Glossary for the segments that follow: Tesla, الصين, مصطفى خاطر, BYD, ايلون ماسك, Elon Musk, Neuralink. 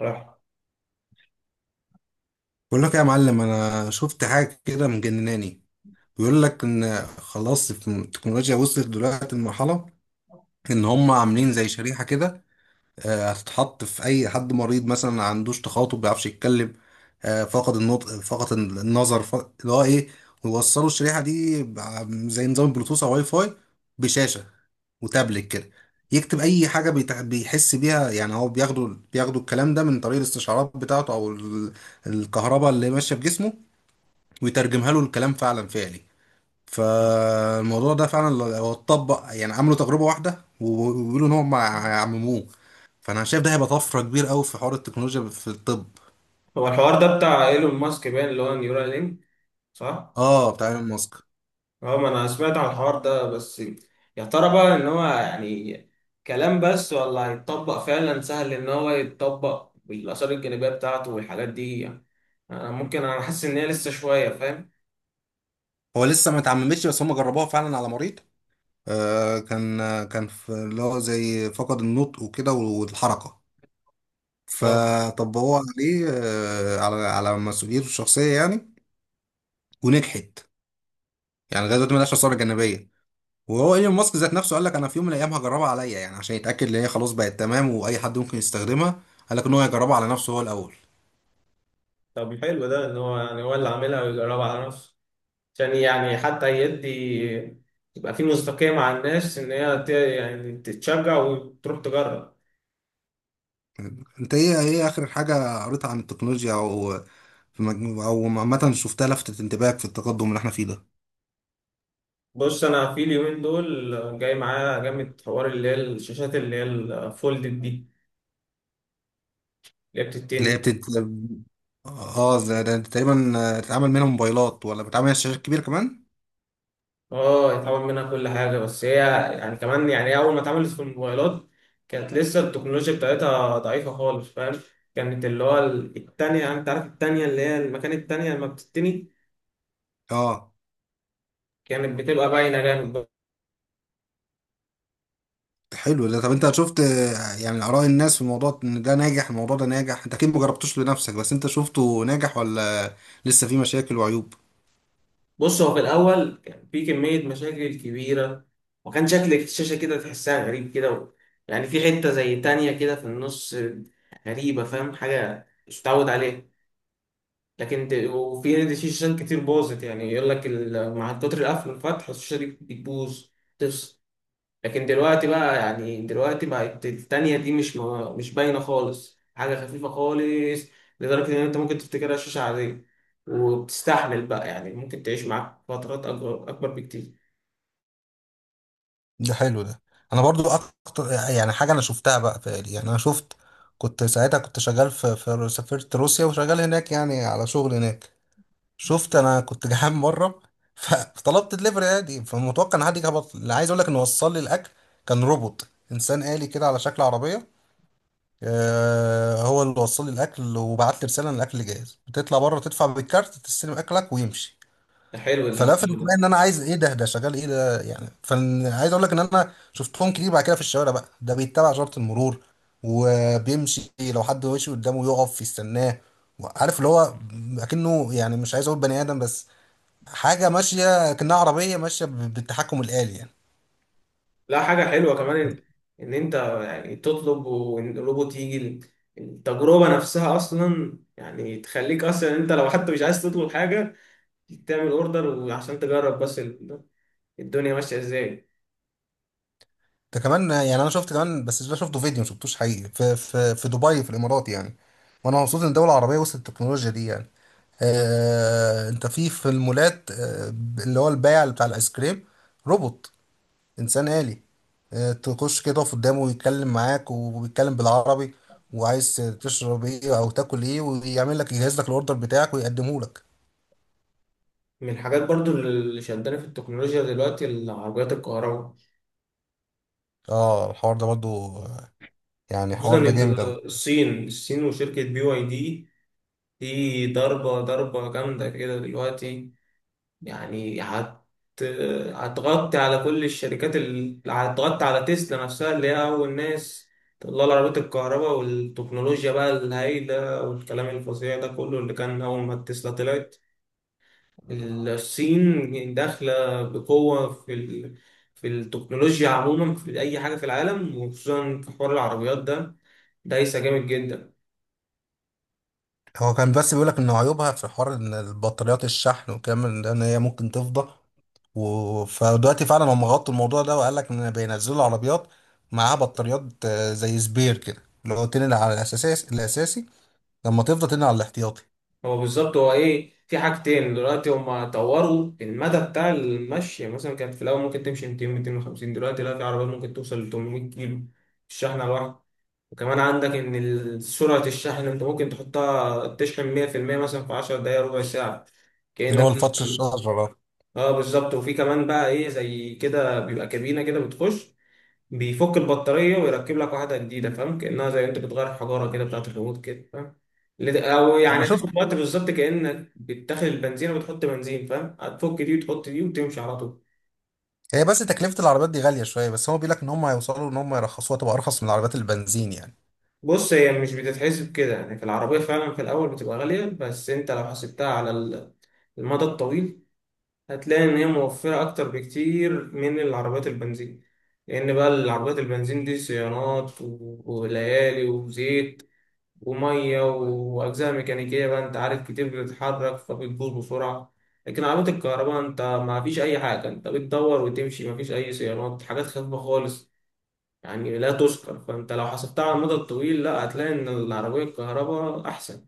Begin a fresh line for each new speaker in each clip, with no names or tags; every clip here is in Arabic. راح.
بقول لك يا معلم، انا شفت حاجه كده مجنناني. بيقول لك ان خلاص التكنولوجيا وصلت دلوقتي لمرحله ان هم عاملين زي شريحه كده. هتتحط في اي حد مريض مثلا ما عندوش تخاطب، ما بيعرفش يتكلم، فقد النطق، فقد النظر، فقد اللي هو ايه. ويوصلوا الشريحه دي زي نظام بلوتوث او واي فاي بشاشه وتابلت كده، يكتب اي حاجه بيحس بيها. يعني هو بياخدوا الكلام ده من طريق الاستشعارات بتاعته، او الكهرباء اللي ماشيه في جسمه، ويترجمها له الكلام فعلا فعلي. فالموضوع ده فعلا هو اتطبق، يعني عملوا تجربة واحدة وبيقولوا ان هم عمموه. فانا شايف ده هيبقى طفرة كبيرة قوي في حوار التكنولوجيا في الطب.
هو الحوار ده بتاع ايلون ماسك باين اللي هو نيورال لينك، صح؟
اه، بتاع ايلون ماسك.
اه، ما انا سمعت عن الحوار ده بس. يا ترى بقى ان هو يعني كلام بس ولا هيتطبق؟ فعلا سهل ان هو يتطبق بالاثار الجانبيه بتاعته والحاجات دي يعني. انا حاسس ان هي لسه شويه، فاهم؟
هو لسه ما اتعممتش، بس هم جربوها فعلا على مريض. كان، كان في اللي هو زي فقد النطق وكده والحركة،
اه.
فطبقوها عليه، على مسؤوليته الشخصية يعني. ونجحت، يعني لغايه دلوقتي ملهاش آثار جانبية. وهو ايلون ماسك ذات نفسه قال لك انا في يوم من الايام هجربها عليا، يعني عشان يتاكد ان هي خلاص بقت تمام واي حد ممكن يستخدمها. قال لك ان هو يجربها على نفسه هو الاول.
طب حلو ده ان هو يعني هو اللي عاملها ويجربها على نفسه عشان يعني حتى يدي، يبقى في مصداقيه مع الناس ان هي يعني تتشجع وتروح تجرب.
انت ايه اخر حاجه قريتها عن التكنولوجيا، او في مجموع او عامه شفتها لفتت انتباهك في التقدم اللي احنا فيه ده؟
بص، انا في اليومين دول جاي معايا جامد حوار اللي هي الشاشات اللي هي الفولدد دي، اللي هي
اللي هي
بتتني.
بتت، اه، ده تقريبا، بتتعمل منها موبايلات ولا بتتعمل على شاشات كبيره كمان؟
اه، يتعمل منها كل حاجه، بس هي يعني كمان، يعني هي اول ما اتعملت في الموبايلات كانت لسه التكنولوجيا بتاعتها ضعيفه خالص، فاهم. كانت اللي هو التانية، يعني انت عارف التانية اللي هي المكان التانية لما بتتني
اه.
كانت بتبقى باينه جامد.
حلو ده. طب انت شفت، يعني اراء الناس في الموضوع ان ده ناجح، الموضوع ده ناجح؟ انت اكيد مجربتوش لنفسك، بس انت شفته ناجح ولا لسه فيه مشاكل وعيوب؟
بص، هو في الأول كان في كمية مشاكل كبيرة، وكان شكل الشاشة كده تحسها غريب كده، و... يعني في حتة زي تانية كده في النص، غريبة، فاهم، حاجة مش متعود عليها. وفي شاشات كتير باظت، يعني يقول لك مع كتر القفل والفتح الشاشة دي بتبوظ، تفصل. لكن دلوقتي بقى، يعني دلوقتي بقت التانية دي مش باينة خالص، حاجة خفيفة خالص، لدرجة إن أنت ممكن تفتكرها شاشة عادية، وبتستحمل بقى، يعني ممكن تعيش معاك فترات أكبر أكبر بكتير.
ده حلو ده. انا برضو اكتر يعني حاجه انا شفتها بقى فعلي، يعني انا شفت، كنت ساعتها كنت شغال في سافرت روسيا وشغال هناك يعني على شغل هناك. شفت، انا كنت جعان مره فطلبت دليفري عادي، فمتوقع ان حد يجي. اللي عايز اقول لك انه وصل لي الاكل كان روبوت انسان آلي كده على شكل عربيه. آه، هو اللي وصل لي الاكل، وبعت لي رساله ان الاكل جاهز، بتطلع بره تدفع بالكارت تستلم اكلك ويمشي.
ده حلو
فلفت
الجيل
انتباهي ان
ده.
انا عايز ايه ده، ده شغال ايه ده يعني. فعايز اقول لك ان انا شفتهم كتير بعد كده في الشوارع، بقى ده بيتبع اشاره المرور وبيمشي، لو حد ماشي قدامه يقف يستناه. عارف اللي هو اكنه، يعني مش عايز اقول بني ادم، بس حاجه ماشيه كأنها عربيه ماشيه بالتحكم الآلي يعني.
لا، حاجة حلوة كمان إن أنت يعني تطلب وإن الروبوت يجي. التجربة نفسها أصلا يعني تخليك أصلا، أنت لو حتى مش عايز تطلب حاجة، تعمل أوردر وعشان تجرب بس الدنيا ماشية إزاي.
ده كمان يعني انا شفت كمان، بس ده شفته فيديو، ما شفتوش حقيقي، في في دبي في الامارات يعني. وانا مبسوط ان الدول العربيه وصلت التكنولوجيا دي يعني. انت في المولات، اللي هو البائع اللي بتاع الايس كريم، روبوت، انسان آلي. تخش كده تقف قدامه ويتكلم معاك، وبيتكلم بالعربي، وعايز تشرب ايه او تاكل ايه، ويعمل لك يجهز لك الاوردر بتاعك ويقدمه لك.
من الحاجات برضو اللي شداني في التكنولوجيا دلوقتي، العربيات الكهرباء،
اه، الحوار ده برضو، يعني
خصوصا
الحوار ده جامد قوي.
الصين الصين وشركة بي واي دي. دي ضربة ضربة جامدة كده دلوقتي، يعني هتغطي على كل الشركات، اللي هتغطي على تسلا نفسها اللي هي أول ناس تطلع العربيات الكهرباء والتكنولوجيا بقى الهايلة والكلام الفظيع ده كله اللي كان أول ما تسلا طلعت. الصين داخلة بقوة في التكنولوجيا عموما، في أي حاجة في العالم، وخصوصا في حوار العربيات ده. دايسة جامد جدا.
هو كان بس بيقولك ان عيوبها في حوار ان البطاريات، الشحن والكلام من ده، ان هي ممكن تفضى. فدلوقتي فعلا هم غطوا الموضوع ده، وقال لك ان بينزلوا عربيات معاها بطاريات زي سبير كده، اللي هو تنقل على الاساسي الاساسي، لما تفضى تنقل على الاحتياطي.
هو بالظبط هو إيه، في حاجتين دلوقتي: هما طوروا المدى بتاع المشي، يعني مثلا كانت في الأول ممكن تمشي 200 250، دلوقتي لا، في عربيات ممكن توصل ل 800 كيلو في الشحنة الواحدة. وكمان عندك إن سرعة الشحن أنت ممكن تحطها تشحن 100% مثلا في 10 دقايق ربع ساعة،
اللي
كأنك.
هو الفتش الشجره ده.
اه بالظبط. وفي كمان بقى ايه زي كده، بيبقى كابينه كده بتخش، بيفك البطاريه ويركب لك واحده جديده، فاهم، كانها زي انت بتغير حجاره كده بتاعت الريموت كده، فاهم. او يعني
انا
هتاخد
شفت،
وقت بالظبط كانك بتدخل البنزين وبتحط بنزين، فاهم، هتفك دي وتحط دي وتمشي على طول.
هي بس تكلفة العربيات دي غالية شوية، بس هو بيقول لك ان هم هيوصلوا ان هم يرخصوها تبقى ارخص من العربيات البنزين يعني.
بص، هي مش بتتحسب كده، يعني في العربيه فعلا في الاول بتبقى غاليه، بس انت لو حسبتها على المدى الطويل هتلاقي إن هي موفرة أكتر بكتير من العربيات البنزين. لأن بقى العربيات البنزين دي صيانات وليالي وزيت ومية وأجزاء ميكانيكية، بقى أنت عارف كتير بتتحرك فبتبوظ بسرعة. لكن عربية الكهرباء أنت ما فيش أي حاجة، أنت بتدور وتمشي، ما فيش أي صيانات، حاجات خفيفة خالص، يعني لا تذكر. فأنت لو حسبتها على المدى الطويل، لا، هتلاقي إن العربية الكهرباء أحسن.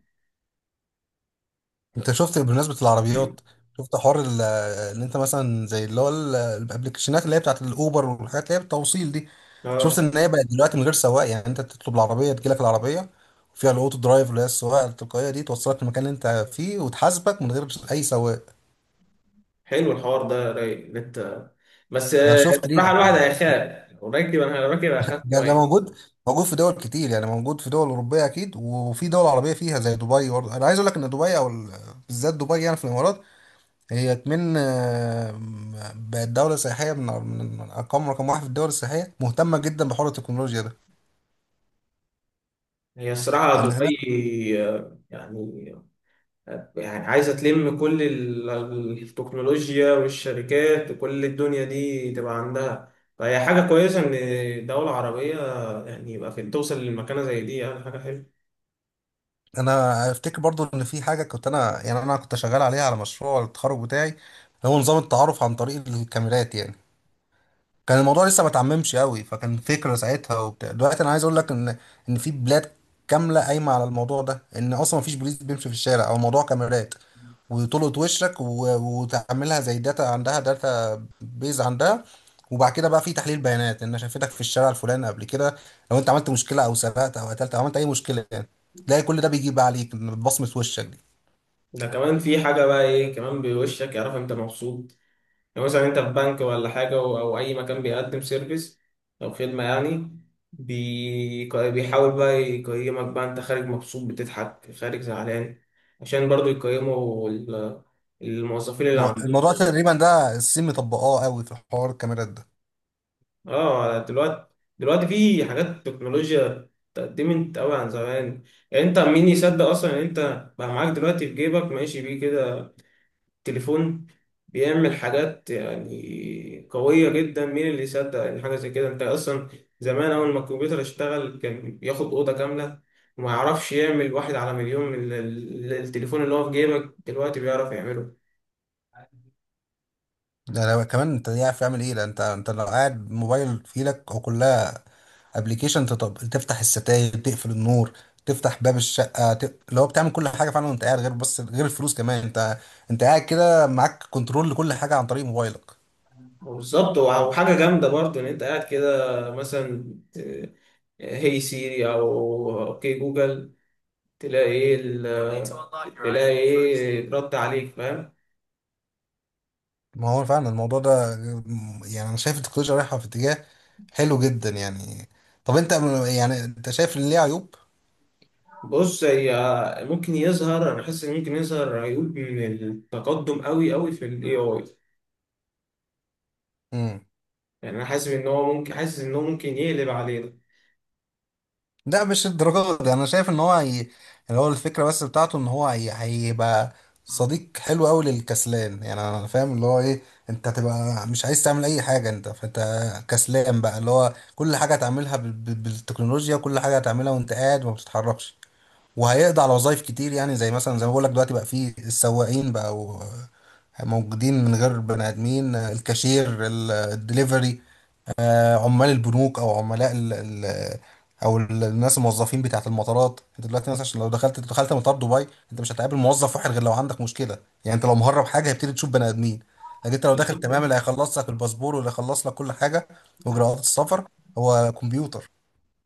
انت شفت بمناسبة العربيات، شفت حوار اللي انت مثلا زي اللي هو الابلكيشنات اللي هي بتاعت الاوبر والحاجات اللي هي بالتوصيل دي؟ شفت
اه،
ان هي بقت دلوقتي من غير سواق، يعني انت تطلب العربيه تجيلك العربيه، وفيها الاوتو درايف اللي هي السواقه التلقائيه دي، توصلك للمكان اللي انت فيه وتحاسبك من غير اي سواق.
حلو الحوار ده. رايق إن انت، بس
انا شفت ليه.
الصراحه الواحد هيخاف، لو راكب، انا راكب هخاف
ده
شويه.
موجود، موجود في دول كتير، يعني موجود في دول اوروبيه اكيد، وفي دول عربيه فيها زي دبي. برضه انا عايز اقول لك ان دبي، او بالذات دبي يعني في الامارات، هي كمان، بقت دوله سياحيه من من ارقام رقم واحد في الدول السياحيه، مهتمه جدا بحوار التكنولوجيا ده،
هي الصراحه
ان هناك.
دبي يعني عايزه تلم كل التكنولوجيا والشركات وكل الدنيا دي تبقى عندها، فهي حاجه كويسه ان دوله عربيه يعني، يبقى في توصل للمكانه زي دي، يعني حاجه حلوه.
انا افتكر برضو ان في حاجه كنت انا يعني انا كنت شغال عليها على مشروع التخرج بتاعي، هو نظام التعارف عن طريق الكاميرات يعني. كان الموضوع لسه ما اتعممش قوي، فكان فكرة ساعتها وبتاع. دلوقتي انا عايز اقول لك ان ان في بلاد كاملة قايمة على الموضوع ده، ان اصلا ما فيش بوليس بيمشي في الشارع، او موضوع كاميرات وتلقط وشك، وتعملها زي داتا، عندها داتا بيز عندها، وبعد كده بقى في تحليل بيانات ان شافتك في الشارع الفلاني قبل كده. لو انت عملت مشكلة او سرقت او قتلت او عملت اي مشكلة يعني، تلاقي كل ده بيجيب عليك بصمة وشك دي.
ده كمان في حاجه بقى، ايه كمان، بوشك يعرف انت مبسوط. لو مثلا انت في بنك ولا حاجة، او اي مكان بيقدم سيرفيس او خدمة، يعني بيحاول بقى يقيمك، بقى انت خارج مبسوط بتضحك، خارج زعلان، عشان برضو يقيموا الموظفين اللي عندهم.
الموضوع تقريبا ده الصين مطبقاه قوي في حوار الكاميرات ده.
اه، دلوقتي في حاجات تكنولوجيا اتقدمت قوي عن زمان، يعني انت مين يصدق اصلا ان انت بقى معاك دلوقتي في جيبك ماشي بيه كده تليفون بيعمل حاجات يعني قوية جدا. مين اللي يصدق إن حاجة زي كده أنت أصلا؟ زمان أول ما الكمبيوتر اشتغل كان ياخد أوضة كاملة وما يعرفش يعمل واحد على مليون من التليفون اللي هو في جيبك دلوقتي بيعرف يعمله.
ده لو كمان انت عارف تعمل ايه، لان انت لو قاعد موبايل في ايدك هو كلها ابلكيشن. تفتح الستاير، تقفل النور، تفتح باب الشقه، اللي هو بتعمل كل حاجه فعلا وانت قاعد، غير بس غير الفلوس كمان. انت، انت قاعد كده معاك كنترول لكل حاجه عن طريق موبايلك.
بالظبط. وحاجة جامدة برضه إن أنت قاعد كده مثلا ت- هي سيري أو أوكي جوجل، تلاقي إيه ال- تلاقي إيه رد عليك، فاهم.
ما هو فعلا الموضوع ده، يعني انا شايف التكنولوجيا رايحه في اتجاه حلو جدا يعني. طب انت، يعني انت شايف ان ليه عيوب؟
بص، هي ممكن يظهر، انا حاسس ان ممكن يظهر عيوب من التقدم قوي قوي في الاي اي.
مم.
يعني انا حاسس ان هو ممكن حاسس ان هو ممكن يقلب علينا.
لا، مش الدرجات دي. انا شايف ان هو هي، اللي هو الفكره بس بتاعته ان هو هي، هيبقى صديق حلو قوي للكسلان يعني. انا فاهم اللي هو ايه. انت هتبقى مش عايز تعمل اي حاجه انت، فانت كسلان بقى، اللي هو كل حاجه هتعملها بالتكنولوجيا، وكل حاجه هتعملها وانت قاعد وما بتتحركش. وهيقضي على وظايف كتير، يعني زي مثلا زي ما بقول لك دلوقتي بقى في السواقين بقى، موجودين من غير بني ادمين، الكاشير، الدليفري، عمال البنوك، او عملاء ال او الناس الموظفين بتاعت المطارات. انت دلوقتي مثلا، عشان لو دخلت مطار دبي، انت مش هتقابل موظف واحد غير لو عندك مشكله. يعني انت لو مهرب حاجه هيبتدي تشوف بني ادمين، لكن انت لو داخل تمام،
بالظبط.
اللي هيخلص لك الباسبور واللي هيخلص لك كل حاجه واجراءات السفر هو كمبيوتر.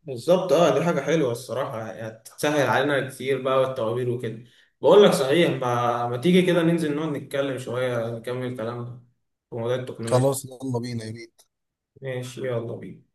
بالظبط، اه دي حاجه حلوه الصراحه، يعني هتسهل علينا كتير بقى والتوابير وكده. بقول لك صحيح، ما تيجي كده ننزل نقعد نتكلم شويه نكمل كلامنا في موضوع التكنولوجيا.
خلاص يلا بينا يا بيه.
ماشي يلا بينا.